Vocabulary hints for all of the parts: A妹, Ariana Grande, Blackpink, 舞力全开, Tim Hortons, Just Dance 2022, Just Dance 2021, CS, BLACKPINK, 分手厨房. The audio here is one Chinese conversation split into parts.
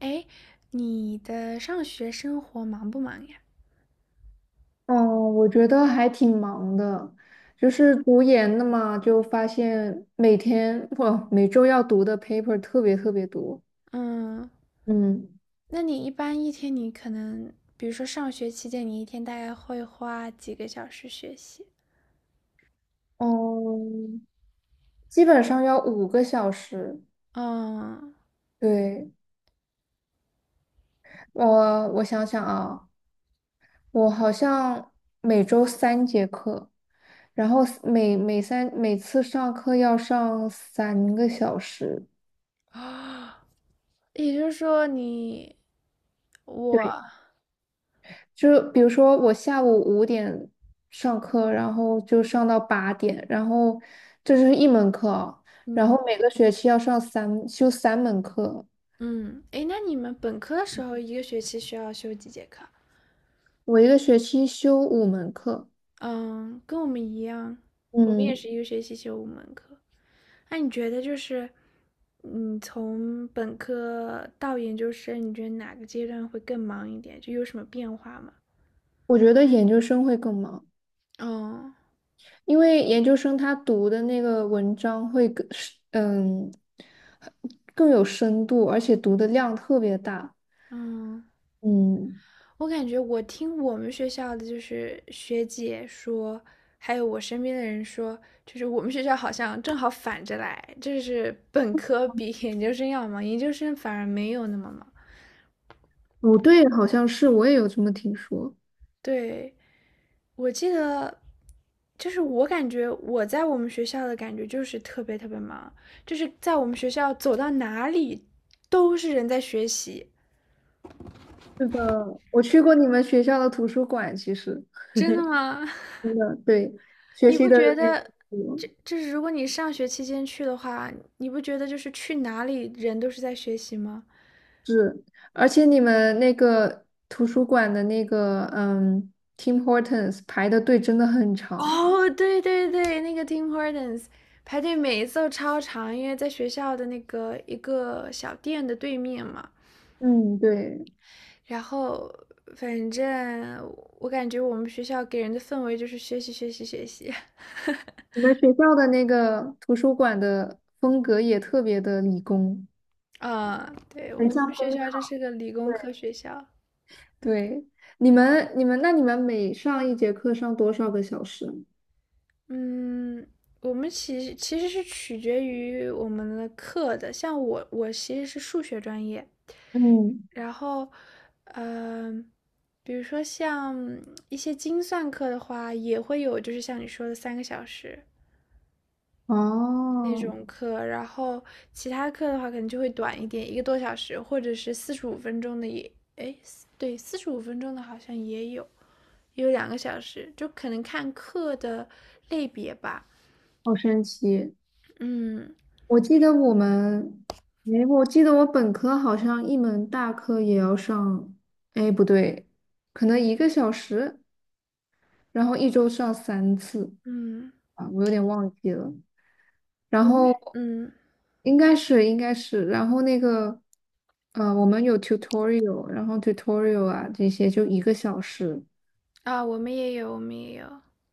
哎，你的上学生活忙不忙呀？嗯，我觉得还挺忙的，就是读研的嘛，就发现每天不每周要读的 paper 特别特别多。嗯，嗯那你一般一天你可能，比如说上学期间，你一天大概会花几个小时学习？嗯，基本上要5个小时。嗯，对，我想想啊，我好像每周3节课，然后每次上课要上3个小时。也就是说你我，对。就是比如说我下午5点上课，然后就上到8点，然后这是一门课啊。然嗯后每个学期要修3门课。嗯，哎，那你们本科的时候一个学期需要修几节课啊？我一个学期修五门课。嗯，跟我们一样，我们也嗯，是一个学期修五门课。那你觉得就是，嗯，从本科到研究生，你觉得哪个阶段会更忙一点？就有什么变化吗？我觉得研究生会更忙，嗯。因为研究生他读的那个文章会更，嗯，更有深度，而且读的量特别大。嗯，嗯，我感觉我听我们学校的就是学姐说，还有我身边的人说，就是我们学校好像正好反着来，就是本科比研究生要忙，研究生反而没有那么忙。不对，好像是我也有这么听说。对，我记得，就是我感觉我在我们学校的感觉就是特别特别忙，就是在我们学校走到哪里都是人在学习。是的，我去过你们学校的图书馆，其实真的吗？真 的，对。学你习不的觉人也得不多。这是如果你上学期间去的话，你不觉得就是去哪里人都是在学习吗？是，而且你们那个图书馆的那个Tim Hortons 排的队真的很长。哦，对对对，那个 Tim Hortons 排队每一次都超长，因为在学校的那个一个小店的对面嘛。嗯，对，然后反正我感觉我们学校给人的氛围就是学习学习学习，你们学校的那个图书馆的风格也特别的理工。啊，对，我很们像。学校这是个理工科学校，对，你们每上一节课上多少个小时？嗯，我们其实是取决于我们的课的，像我其实是数学专业，嗯，然后，嗯、比如说像一些精算课的话，也会有就是像你说的三个小时，那哦，种课，然后其他课的话可能就会短一点，一个多小时，或者是四十五分钟的也，哎，对，四十五分钟的好像也有，也有2个小时，就可能看课的类别吧。好神奇。嗯我记得我们，哎，我记得我本科好像一门大课也要上，哎，不对，可能一个小时，然后一周上3次嗯，啊。我有点忘记了。然我们后嗯应该是，然后那个，我们有 tutorial，然后 tutorial 啊这些就1个小时，啊，我们也有，我们也有，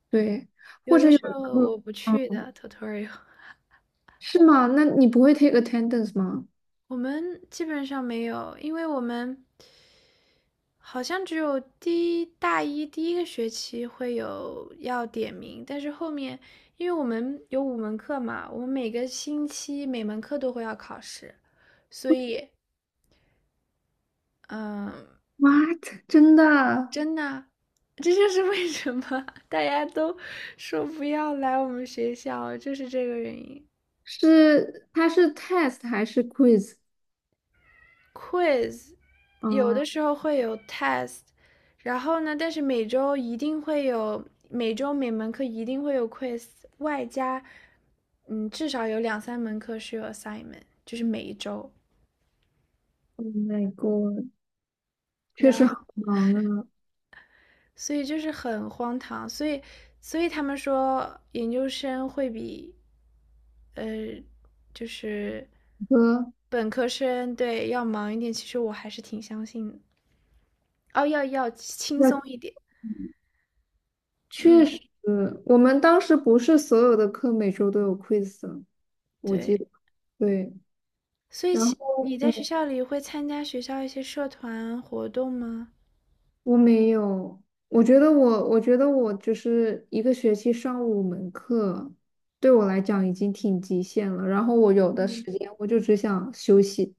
对，有或者的有时的候课。我不去嗯，的 tutorial，是吗？那你不会 take attendance 吗 我们基本上没有，因为我们。好像只有第一大一第一个学期会有要点名，但是后面因为我们有五门课嘛，我们每个星期每门课都会要考试，所以嗯，？What？真的？真的，这就是为什么大家都说不要来我们学校，就是这个原因。是 test 还是 quiz quiz，有的啊时候会有 test，然后呢，但是每周一定会有，每周每门课一定会有 quiz，外加，至少有两三门课是有 assignment，就是每一周，？Oh my god，确然后实好忙啊。所以就是很荒唐，所以他们说研究生会比，呃，就是哥，本科生对要忙一点，其实我还是挺相信的，哦，要要轻松那一点，确嗯。实，我们当时不是所有的课每周都有 quiz 的，我记对，得。对，所以然其你后在学校里会参加学校一些社团活动吗？我没有。我觉得我就是一个学期上五门课，对我来讲已经挺极限了，然后我有的嗯。时间我就只想休息。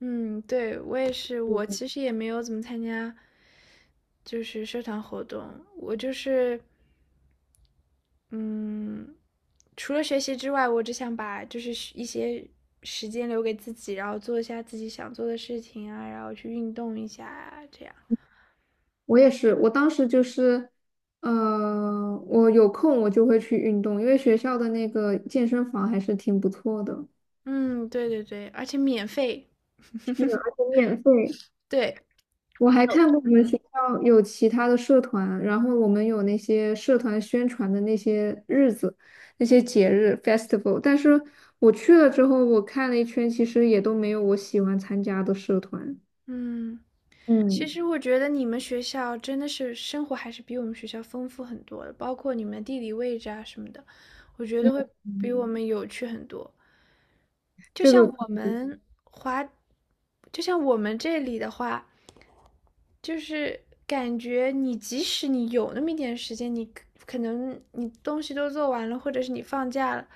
嗯，对，我也是，我其实也没有怎么参加，就是社团活动。我就是，嗯，除了学习之外，我只想把就是时一些时间留给自己，然后做一下自己想做的事情啊，然后去运动一下啊，这样。我也是，我当时就是，我有空我就会去运动，因为学校的那个健身房还是挺不错的。嗯，对对对，而且免费。免费。对，我还哦看过我们嗯学校有其他的社团，然后我们有那些社团宣传的那些日子、那些节日 festival。但是我去了之后，我看了一圈，其实也都没有我喜欢参加的社团。嗯。其嗯实我觉得你们学校真的是生活还是比我们学校丰富很多的，包括你们地理位置啊什么的，我觉得嗯，会比我嗯们有趣很多。就这个像我们，就像我们这里的话，就是感觉你即使你有那么一点时间，你可能你东西都做完了，或者是你放假了，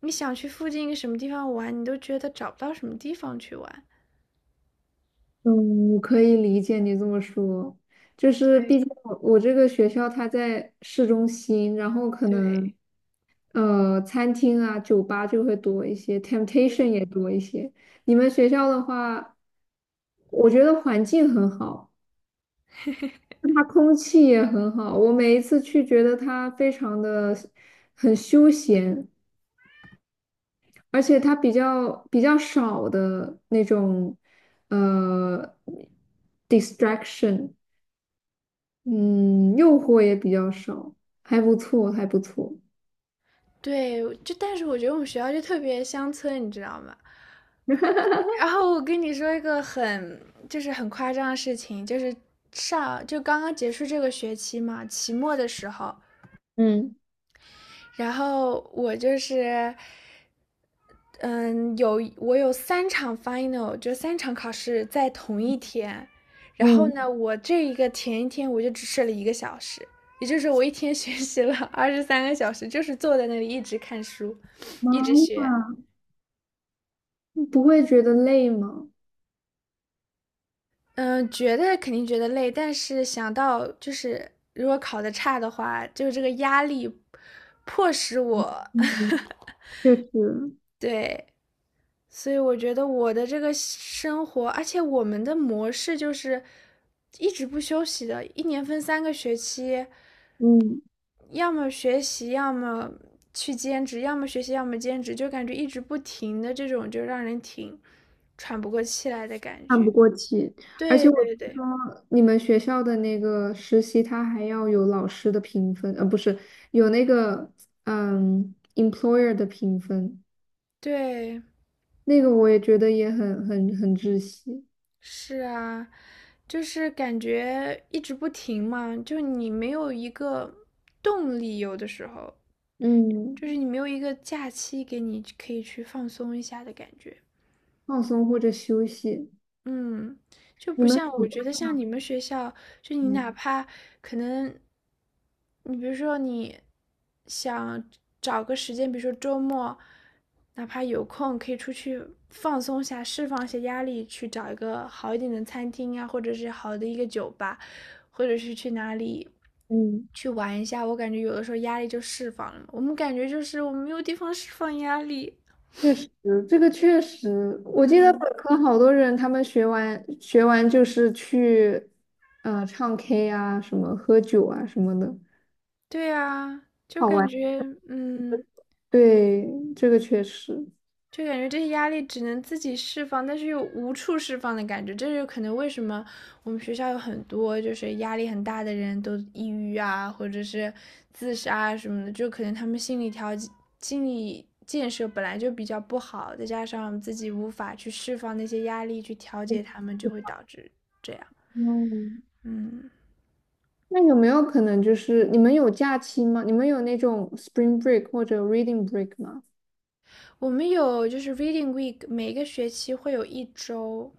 你想去附近一个什么地方玩，你都觉得找不到什么地方去玩。嗯，我可以理解你这么说，就是毕对竟我这个学校它在市中心，然后可能对，餐厅啊、酒吧就会多一些，temptation 也多一些。你们学校的话，我觉得环境很好，它空气也很好，我每一次去觉得它非常的很休闲，而且它比较少的那种呃 distraction。嗯，诱惑也比较少，还不错，还不错。对，就但是我觉得我们学校就特别乡村，你知道吗？然后我跟你说一个很就是很夸张的事情，就是上就刚刚结束这个学期嘛，期末的时候，嗯然后我就是我有三场 final，就三场考试在同一天，然后嗯，呢，我这一个前一天我就只睡了一个小时。也就是我一天 学习了23个小时，就是坐在那里一直看书，妈一直学。呀，不会觉得累吗？嗯，觉得肯定觉得累，但是想到就是如果考的差的话，就这个压力迫使我 嗯，确实。对，所以我觉得我的这个生活，而且我们的模式就是一直不休息的，一年分3个学期，嗯，要么学习，要么去兼职，要么学习，要么兼职，就感觉一直不停的这种，就让人挺喘不过气来的感看不觉。过去。而对且我对听对说你们学校的那个实习，它还要有老师的评分。不是，有那个employer 的评分，对，那个我也觉得也很窒息。是啊。就是感觉一直不停嘛，就你没有一个动力，有的时候嗯就是你没有一个假期给你可以去放松一下的感觉。放松或者休息。嗯，就你不们像暑我假觉得像你们学校，就你吗？哪怕可能，你比如说你想找个时间，比如说周末，哪怕有空可以出去放松一下，释放一些压力，去找一个好一点的餐厅啊，或者是好的一个酒吧，或者是去哪里嗯，去玩一下。我感觉有的时候压力就释放了嘛我们感觉就是我们没有地方释放压力。确实，这个确实。我记得本嗯，科好多人他们学完就是去，唱 K 啊，什么喝酒啊什么的，对啊，就好感玩。觉嗯。对，这个确实。就感觉这些压力只能自己释放，但是又无处释放的感觉。这就可能为什么我们学校有很多就是压力很大的人都抑郁啊，或者是自杀啊什么的，就可能他们心理调件、心理建设本来就比较不好，再加上我们自己无法去释放那些压力去调节他们，就会导致这样。嗯，嗯，那有没有可能就是你们有假期吗？你们有那种 spring break 或者 reading break 吗？我们有就是 Reading Week，每个学期会有一周，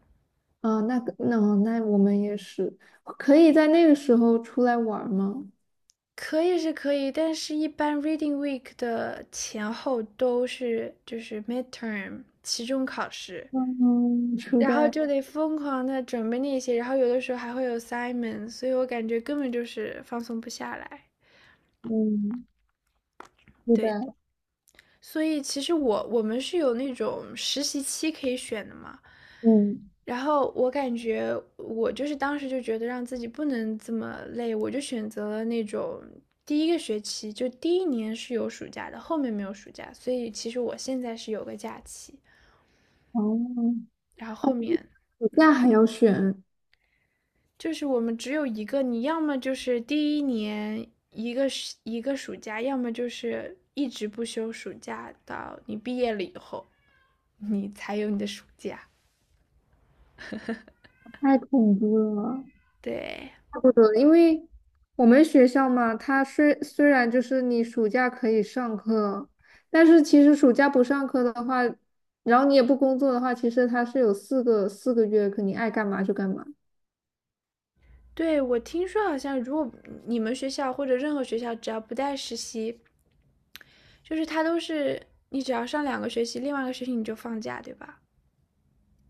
啊、那个，那我们也是，可以在那个时候出来玩儿吗？可以是可以，但是一般 Reading Week 的前后都是就是 midterm 期中考试，嗯，初然后代，就得疯狂的准备那些，然后有的时候还会有 s i m o n 所以我感觉根本就是放松不下来。嗯，初对，代，所以其实我们是有那种实习期可以选的嘛，嗯，然后我感觉我就是当时就觉得让自己不能这么累，我就选择了那种第一个学期就第一年是有暑假的，后面没有暑假，所以其实我现在是有个假期，哦。然后后面那还要选，就是我们只有一个，你要么就是第一年一个一个暑假，要么就是一直不休暑假到你毕业了以后，你才有你的暑假，太恐怖了。对。差不多，因为我们学校嘛，它虽然就是你暑假可以上课，但是其实暑假不上课的话，然后你也不工作的话，其实它是有四个月，可你爱干嘛就干嘛。对，我听说好像如果你们学校或者任何学校只要不带实习，就是他都是你只要上2个学期，另外一个学期你就放假，对吧？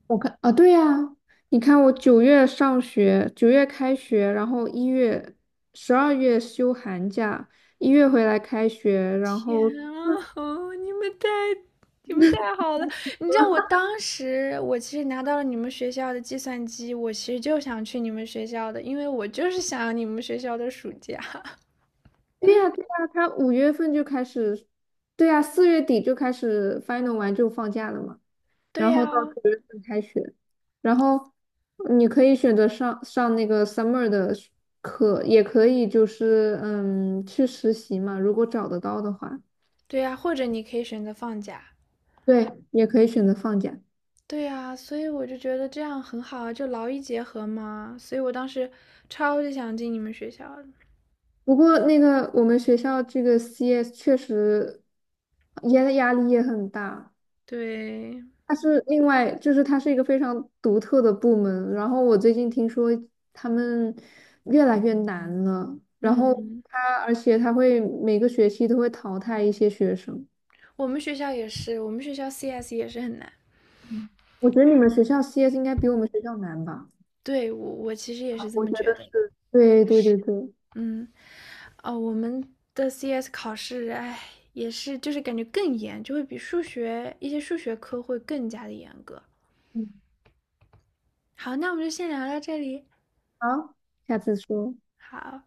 我看啊，对呀，你看我九月上学，九月开学，然后一月、12月休寒假，一月回来开学，然天后啊，哦你们太好了！你知道我当时我其实拿到了你们学校的计算机，我其实就想去你们学校的，因为我就是想要你们学校的暑假。对呀，对呀，他5月份就开始。对呀，4月底就开始 final 完就放假了嘛。对然后呀，到9月份开学，然后你可以选择上那个 summer 的学课，也可以就是去实习嘛，如果找得到的话，对呀，或者你可以选择放假。对，也可以选择放假。对呀，所以我就觉得这样很好啊，就劳逸结合嘛。所以我当时超级想进你们学校的不过那个我们学校这个 CS 确实压力也很大。对，它是另外，就是它是一个非常独特的部门。然后我最近听说他们越来越难了，然后嗯，它而且它会每个学期都会淘汰一些学生。我们学校也是，我们学校 CS 也是很难。我觉得你们学校 CS 应该比我们学校难吧？对，我其实也是这我觉么觉得得的。是。对对对对，嗯，哦，我们的 CS 考试，哎，也是就是感觉更严，就会比数学一些数学科会更加的严格。嗯，好，那我们就先聊到这里。好，下次说。好。